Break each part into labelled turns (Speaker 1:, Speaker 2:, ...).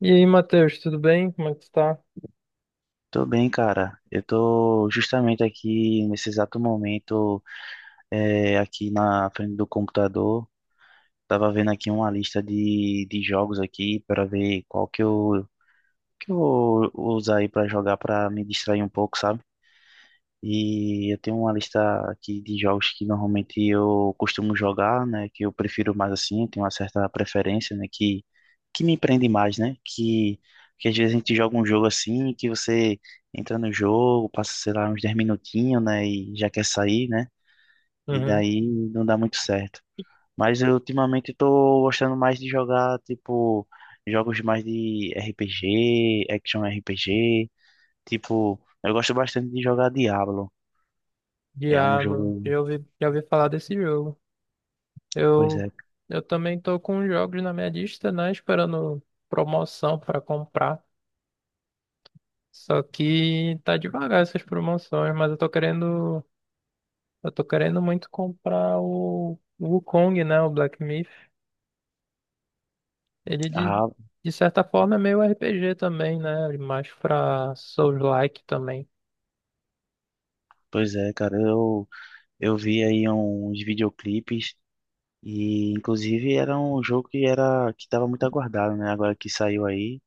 Speaker 1: E aí, Matheus, tudo bem? Como é que tu tá?
Speaker 2: Tô bem, cara. Eu tô justamente aqui nesse exato momento, aqui na frente do computador. Tava vendo aqui uma lista de jogos aqui para ver qual que eu vou usar aí para jogar para me distrair um pouco, sabe? E eu tenho uma lista aqui de jogos que normalmente eu costumo jogar, né? Que eu prefiro mais assim, tenho uma certa preferência, né? Que me prende mais, né? Que às vezes a gente joga um jogo assim, que você entra no jogo, passa, sei lá, uns 10 minutinhos, né? E já quer sair, né? E
Speaker 1: Uhum.
Speaker 2: daí não dá muito certo. Mas eu ultimamente tô gostando mais de jogar, tipo, jogos mais de RPG, action RPG, tipo, eu gosto bastante de jogar Diablo. É um
Speaker 1: Mano,
Speaker 2: jogo.
Speaker 1: já ouvi falar desse jogo.
Speaker 2: Pois
Speaker 1: Eu,
Speaker 2: é,
Speaker 1: eu também tô com os jogos na minha lista, né? Esperando promoção pra comprar. Só que tá devagar essas promoções, mas eu tô querendo muito comprar o Wukong, né? O Black Myth. Ele de,
Speaker 2: ah,
Speaker 1: de certa forma é meio RPG também, né? Mais pra Souls-like também.
Speaker 2: pois é, cara, eu vi aí uns videoclipes e inclusive era um jogo que era que estava muito aguardado, né? Agora que saiu aí,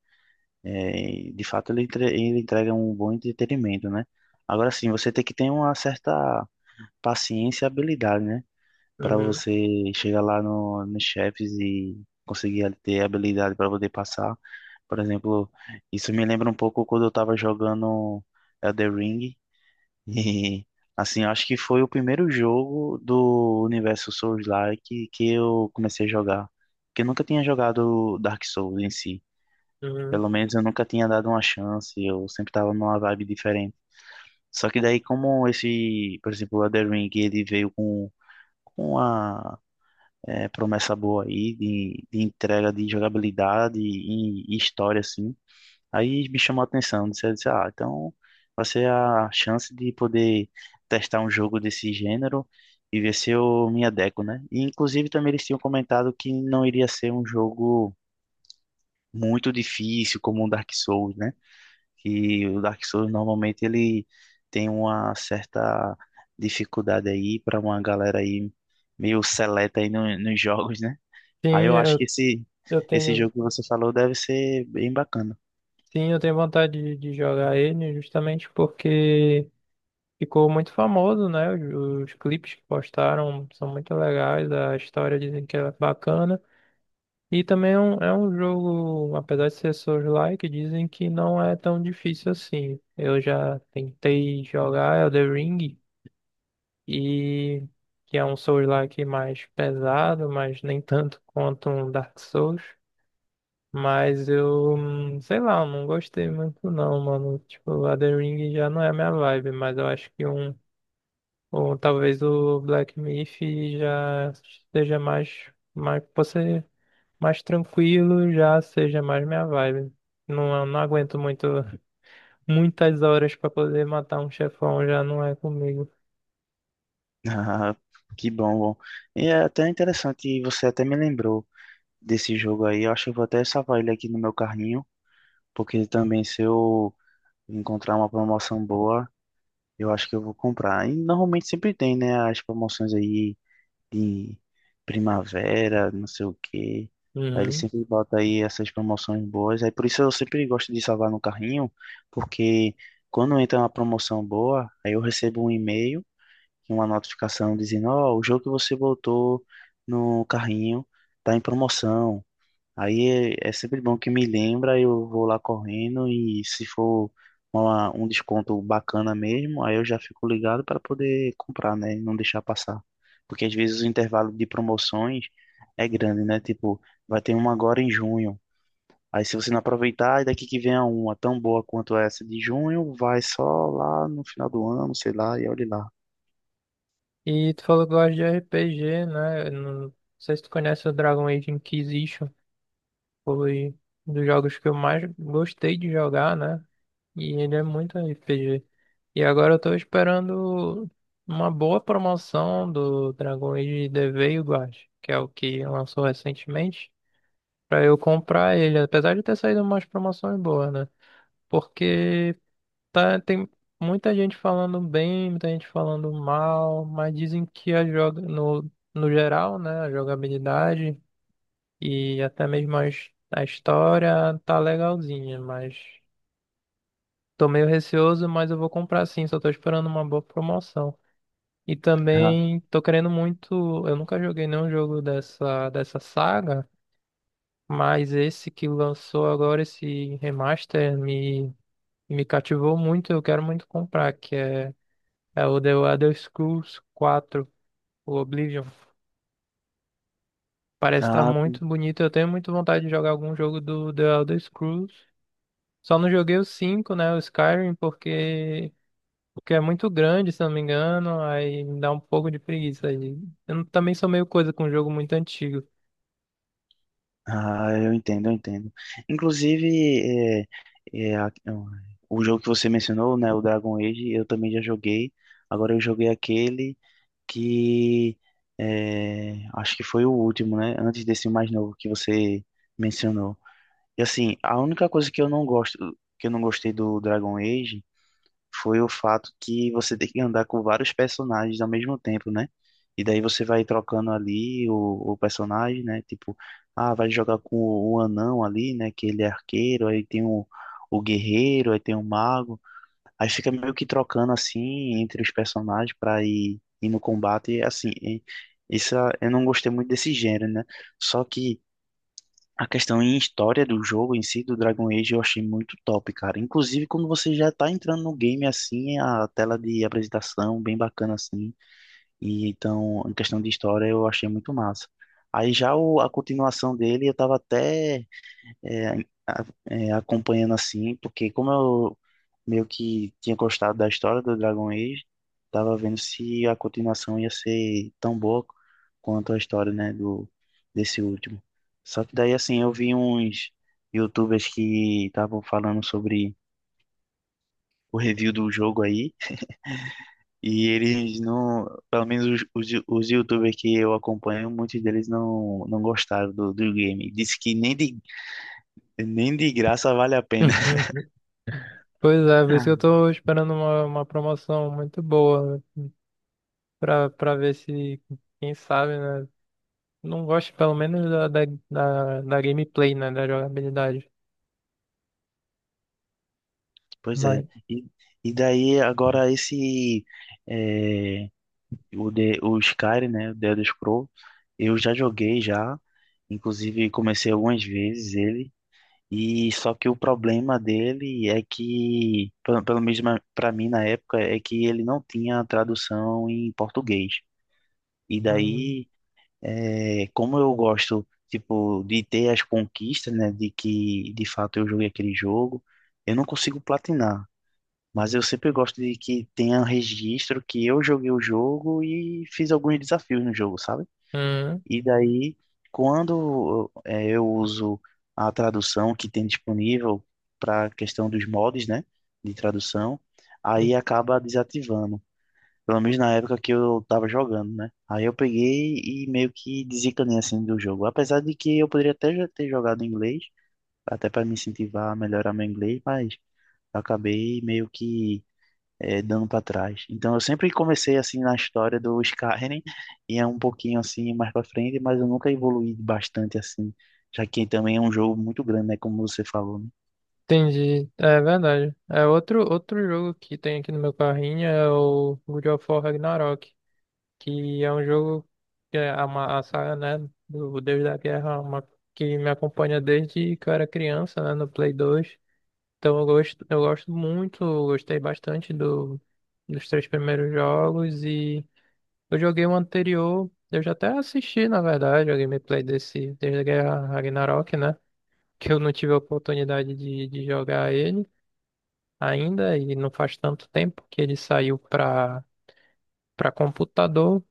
Speaker 2: é, de fato ele, ele entrega um bom entretenimento, né? Agora sim, você tem que ter uma certa paciência e habilidade, né? Para
Speaker 1: Uhum,
Speaker 2: você chegar lá no, nos chefes e conseguir ter habilidade para poder passar. Por exemplo, isso me lembra um pouco quando eu estava jogando Elden Ring. E, assim, eu acho que foi o primeiro jogo do universo Souls-like que eu comecei a jogar. Porque eu nunca tinha jogado Dark Souls em si.
Speaker 1: uhum.
Speaker 2: Pelo menos eu nunca tinha dado uma chance, eu sempre tava numa vibe diferente. Só que daí, como esse, por exemplo, o Elden Ring, ele veio com uma é, promessa boa aí de entrega de jogabilidade e história, assim. Aí me chamou a atenção, disse, eu disse, ah, então vai ser a chance de poder testar um jogo desse gênero e ver se eu me adequo, né? E inclusive também eles tinham comentado que não iria ser um jogo muito difícil como o Dark Souls, né? Que o Dark Souls normalmente ele tem uma certa dificuldade aí para uma galera aí meio seleta aí nos jogos, né? Aí
Speaker 1: Sim,
Speaker 2: eu acho que
Speaker 1: eu,
Speaker 2: esse
Speaker 1: eu
Speaker 2: esse
Speaker 1: tenho.
Speaker 2: jogo que você falou deve ser bem bacana.
Speaker 1: Sim, eu tenho vontade de jogar ele justamente porque ficou muito famoso, né? Os clipes que postaram são muito legais, a história dizem que é bacana. E também é é um jogo, apesar de ser Souls-like, dizem que não é tão difícil assim. Eu já tentei jogar Elden Ring, e que é um Souls-like mais pesado, mas nem tanto quanto um Dark Souls. Mas sei lá, eu não gostei muito não, mano. Tipo, a The Ring já não é a minha vibe, mas eu acho que ou talvez o Black Myth já seja pode ser mais tranquilo, já seja mais minha vibe. Não, eu não aguento muito, muitas horas pra poder matar um chefão, já não é comigo.
Speaker 2: Ah, que bom, bom. E é até interessante, você até me lembrou desse jogo aí. Eu acho que eu vou até salvar ele aqui no meu carrinho, porque também se eu encontrar uma promoção boa, eu acho que eu vou comprar. E normalmente sempre tem, né, as promoções aí de primavera, não sei o quê. Aí ele
Speaker 1: Uhum.
Speaker 2: sempre bota aí essas promoções boas. Aí por isso eu sempre gosto de salvar no carrinho, porque quando entra uma promoção boa, aí eu recebo um e-mail uma notificação dizendo, ó, o jogo que você botou no carrinho tá em promoção. Aí é sempre bom que me lembra, eu vou lá correndo e se for um desconto bacana mesmo, aí eu já fico ligado para poder comprar, né, e não deixar passar. Porque às vezes o intervalo de promoções é grande, né? Tipo, vai ter uma agora em junho. Aí se você não aproveitar, daqui que vem a uma tão boa quanto essa de junho, vai só lá no final do ano, sei lá, e olhe lá.
Speaker 1: E tu falou que gosta de RPG, né? Eu não sei se tu conhece o Dragon Age Inquisition. Foi um dos jogos que eu mais gostei de jogar, né? E ele é muito RPG. E agora eu tô esperando uma boa promoção do Dragon Age The Veilguard, que é o que lançou recentemente, pra eu comprar ele, apesar de ter saído umas promoções boas, né? Porque tá, tem muita gente falando bem, muita gente falando mal, mas dizem que a joga no geral, né, a jogabilidade e até mesmo a história tá legalzinha, mas tô meio receoso, mas eu vou comprar sim, só tô esperando uma boa promoção. E
Speaker 2: Ah,
Speaker 1: também tô querendo muito, eu nunca joguei nenhum jogo dessa saga, mas esse que lançou agora, esse remaster, me cativou muito, eu quero muito comprar, é o The Elder Scrolls 4 o Oblivion. Parece estar
Speaker 2: ah,
Speaker 1: muito bonito, eu tenho muito vontade de jogar algum jogo do The Elder Scrolls. Só não joguei o 5, né? O Skyrim, porque é muito grande, se não me engano. Aí me dá um pouco de preguiça aí. Eu não- também sou meio coisa com um jogo muito antigo.
Speaker 2: ah, eu entendo, eu entendo. Inclusive, é, é, a- o jogo que você mencionou, né, o Dragon Age, eu também já joguei. Agora eu joguei aquele que acho que foi o último, né, antes desse mais novo que você mencionou. E assim, a única coisa que eu não gosto, que eu não gostei do Dragon Age foi o fato que você tem que andar com vários personagens ao mesmo tempo, né? E daí você vai trocando ali o personagem, né? Tipo, ah, vai jogar com o anão ali, né? Que ele é arqueiro, aí tem o guerreiro, aí tem o mago. Aí fica meio que trocando assim entre os personagens pra ir no combate. E assim, eu não gostei muito desse gênero, né? Só que a questão em história do jogo em si, do Dragon Age, eu achei muito top, cara. Inclusive, quando você já tá entrando no game assim, é a tela de apresentação bem bacana assim. E então, em questão de história, eu achei muito massa. Aí já a continuação dele, eu tava até é, acompanhando assim, porque como eu meio que tinha gostado da história do Dragon Age, tava vendo se a continuação ia ser tão boa quanto a história, né, do desse último. Só que daí assim, eu vi uns YouTubers que estavam falando sobre o review do jogo aí, e eles não, pelo menos os YouTubers que eu acompanho, muitos deles não gostaram do game. Disse que nem de graça vale a pena.
Speaker 1: Pois é, por isso que eu tô esperando uma promoção muito boa pra ver se, quem sabe, né? Não gosto pelo menos da gameplay, né? Da jogabilidade.
Speaker 2: Pois é. E, e daí agora esse é, o Skyrim, né, o The Elder Scrolls, eu já joguei já, inclusive comecei algumas vezes ele. E só que o problema dele é que, pelo menos para mim na época, é que ele não tinha tradução em português. E
Speaker 1: Hum,
Speaker 2: daí, é, como eu gosto, tipo, de ter as conquistas, né, de que de fato eu joguei aquele jogo, eu não consigo platinar. Mas eu sempre gosto de que tenha um registro que eu joguei o jogo e fiz alguns desafios no jogo, sabe?
Speaker 1: hum,
Speaker 2: E daí, quando eu uso a tradução que tem disponível para a questão dos mods, né, de tradução, aí acaba desativando. Pelo menos na época que eu tava jogando, né? Aí eu peguei e meio que desencanei assim do jogo. Apesar de que eu poderia até já ter jogado em inglês, até para me incentivar a melhorar meu inglês, mas eu acabei meio que dando para trás. Então eu sempre comecei assim na história do Skyrim, e é um pouquinho assim mais para frente, mas eu nunca evoluí bastante assim, já que também é um jogo muito grande, né, como você falou, né?
Speaker 1: entendi. É verdade. É outro jogo que tem aqui no meu carrinho é o God of War Ragnarok, que é um jogo que é a saga, né, do Deus da Guerra, uma, que me acompanha desde que eu era criança, né, no Play 2. Então eu gosto muito, eu gostei bastante dos três primeiros jogos e eu joguei o anterior, eu já até assisti, na verdade, a gameplay desse desde a Guerra Ragnarok, né? Que eu não tive a oportunidade de jogar ele ainda e não faz tanto tempo que ele saiu para computador,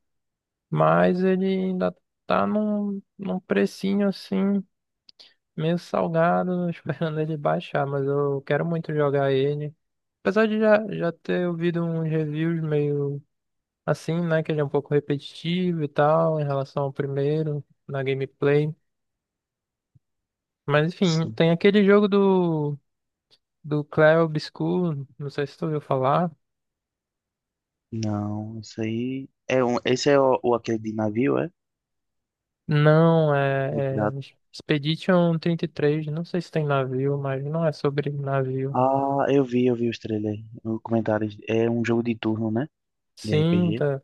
Speaker 1: mas ele ainda tá num precinho assim, meio salgado, esperando ele baixar, mas eu quero muito jogar ele. Apesar de já ter ouvido uns reviews meio assim, né? Que ele é um pouco repetitivo e tal, em relação ao primeiro, na gameplay. Mas enfim,
Speaker 2: Sim.
Speaker 1: tem aquele jogo do, do Clair Obscur, não sei se tu ouviu falar.
Speaker 2: Não, isso aí é um, esse é o aquele de navio, é?
Speaker 1: Não,
Speaker 2: De
Speaker 1: é, é
Speaker 2: pirata.
Speaker 1: Expedition 33, não sei se tem navio, mas não é sobre navio.
Speaker 2: Ah, eu vi os trailers, os comentários. É um jogo de turno, né? De
Speaker 1: Sim,
Speaker 2: RPG.
Speaker 1: tá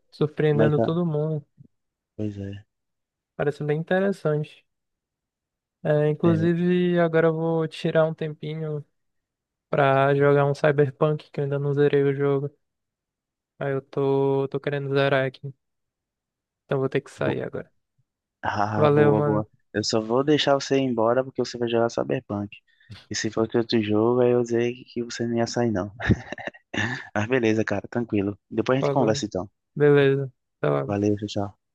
Speaker 2: Mas
Speaker 1: surpreendendo
Speaker 2: tá,
Speaker 1: todo mundo.
Speaker 2: pois é.
Speaker 1: Parece bem interessante. É,
Speaker 2: É,
Speaker 1: inclusive, agora eu vou tirar um tempinho pra jogar um Cyberpunk, que eu ainda não zerei o jogo. Tô querendo zerar aqui. Então vou ter que sair agora.
Speaker 2: ah,
Speaker 1: Valeu,
Speaker 2: boa,
Speaker 1: mano.
Speaker 2: boa. Eu só vou deixar você ir embora porque você vai jogar Cyberpunk. E se fosse outro jogo, aí eu sei que você não ia sair, não. Mas beleza, cara, tranquilo. Depois a gente
Speaker 1: Falou.
Speaker 2: conversa então.
Speaker 1: Beleza. Até logo.
Speaker 2: Valeu, tchau, tchau.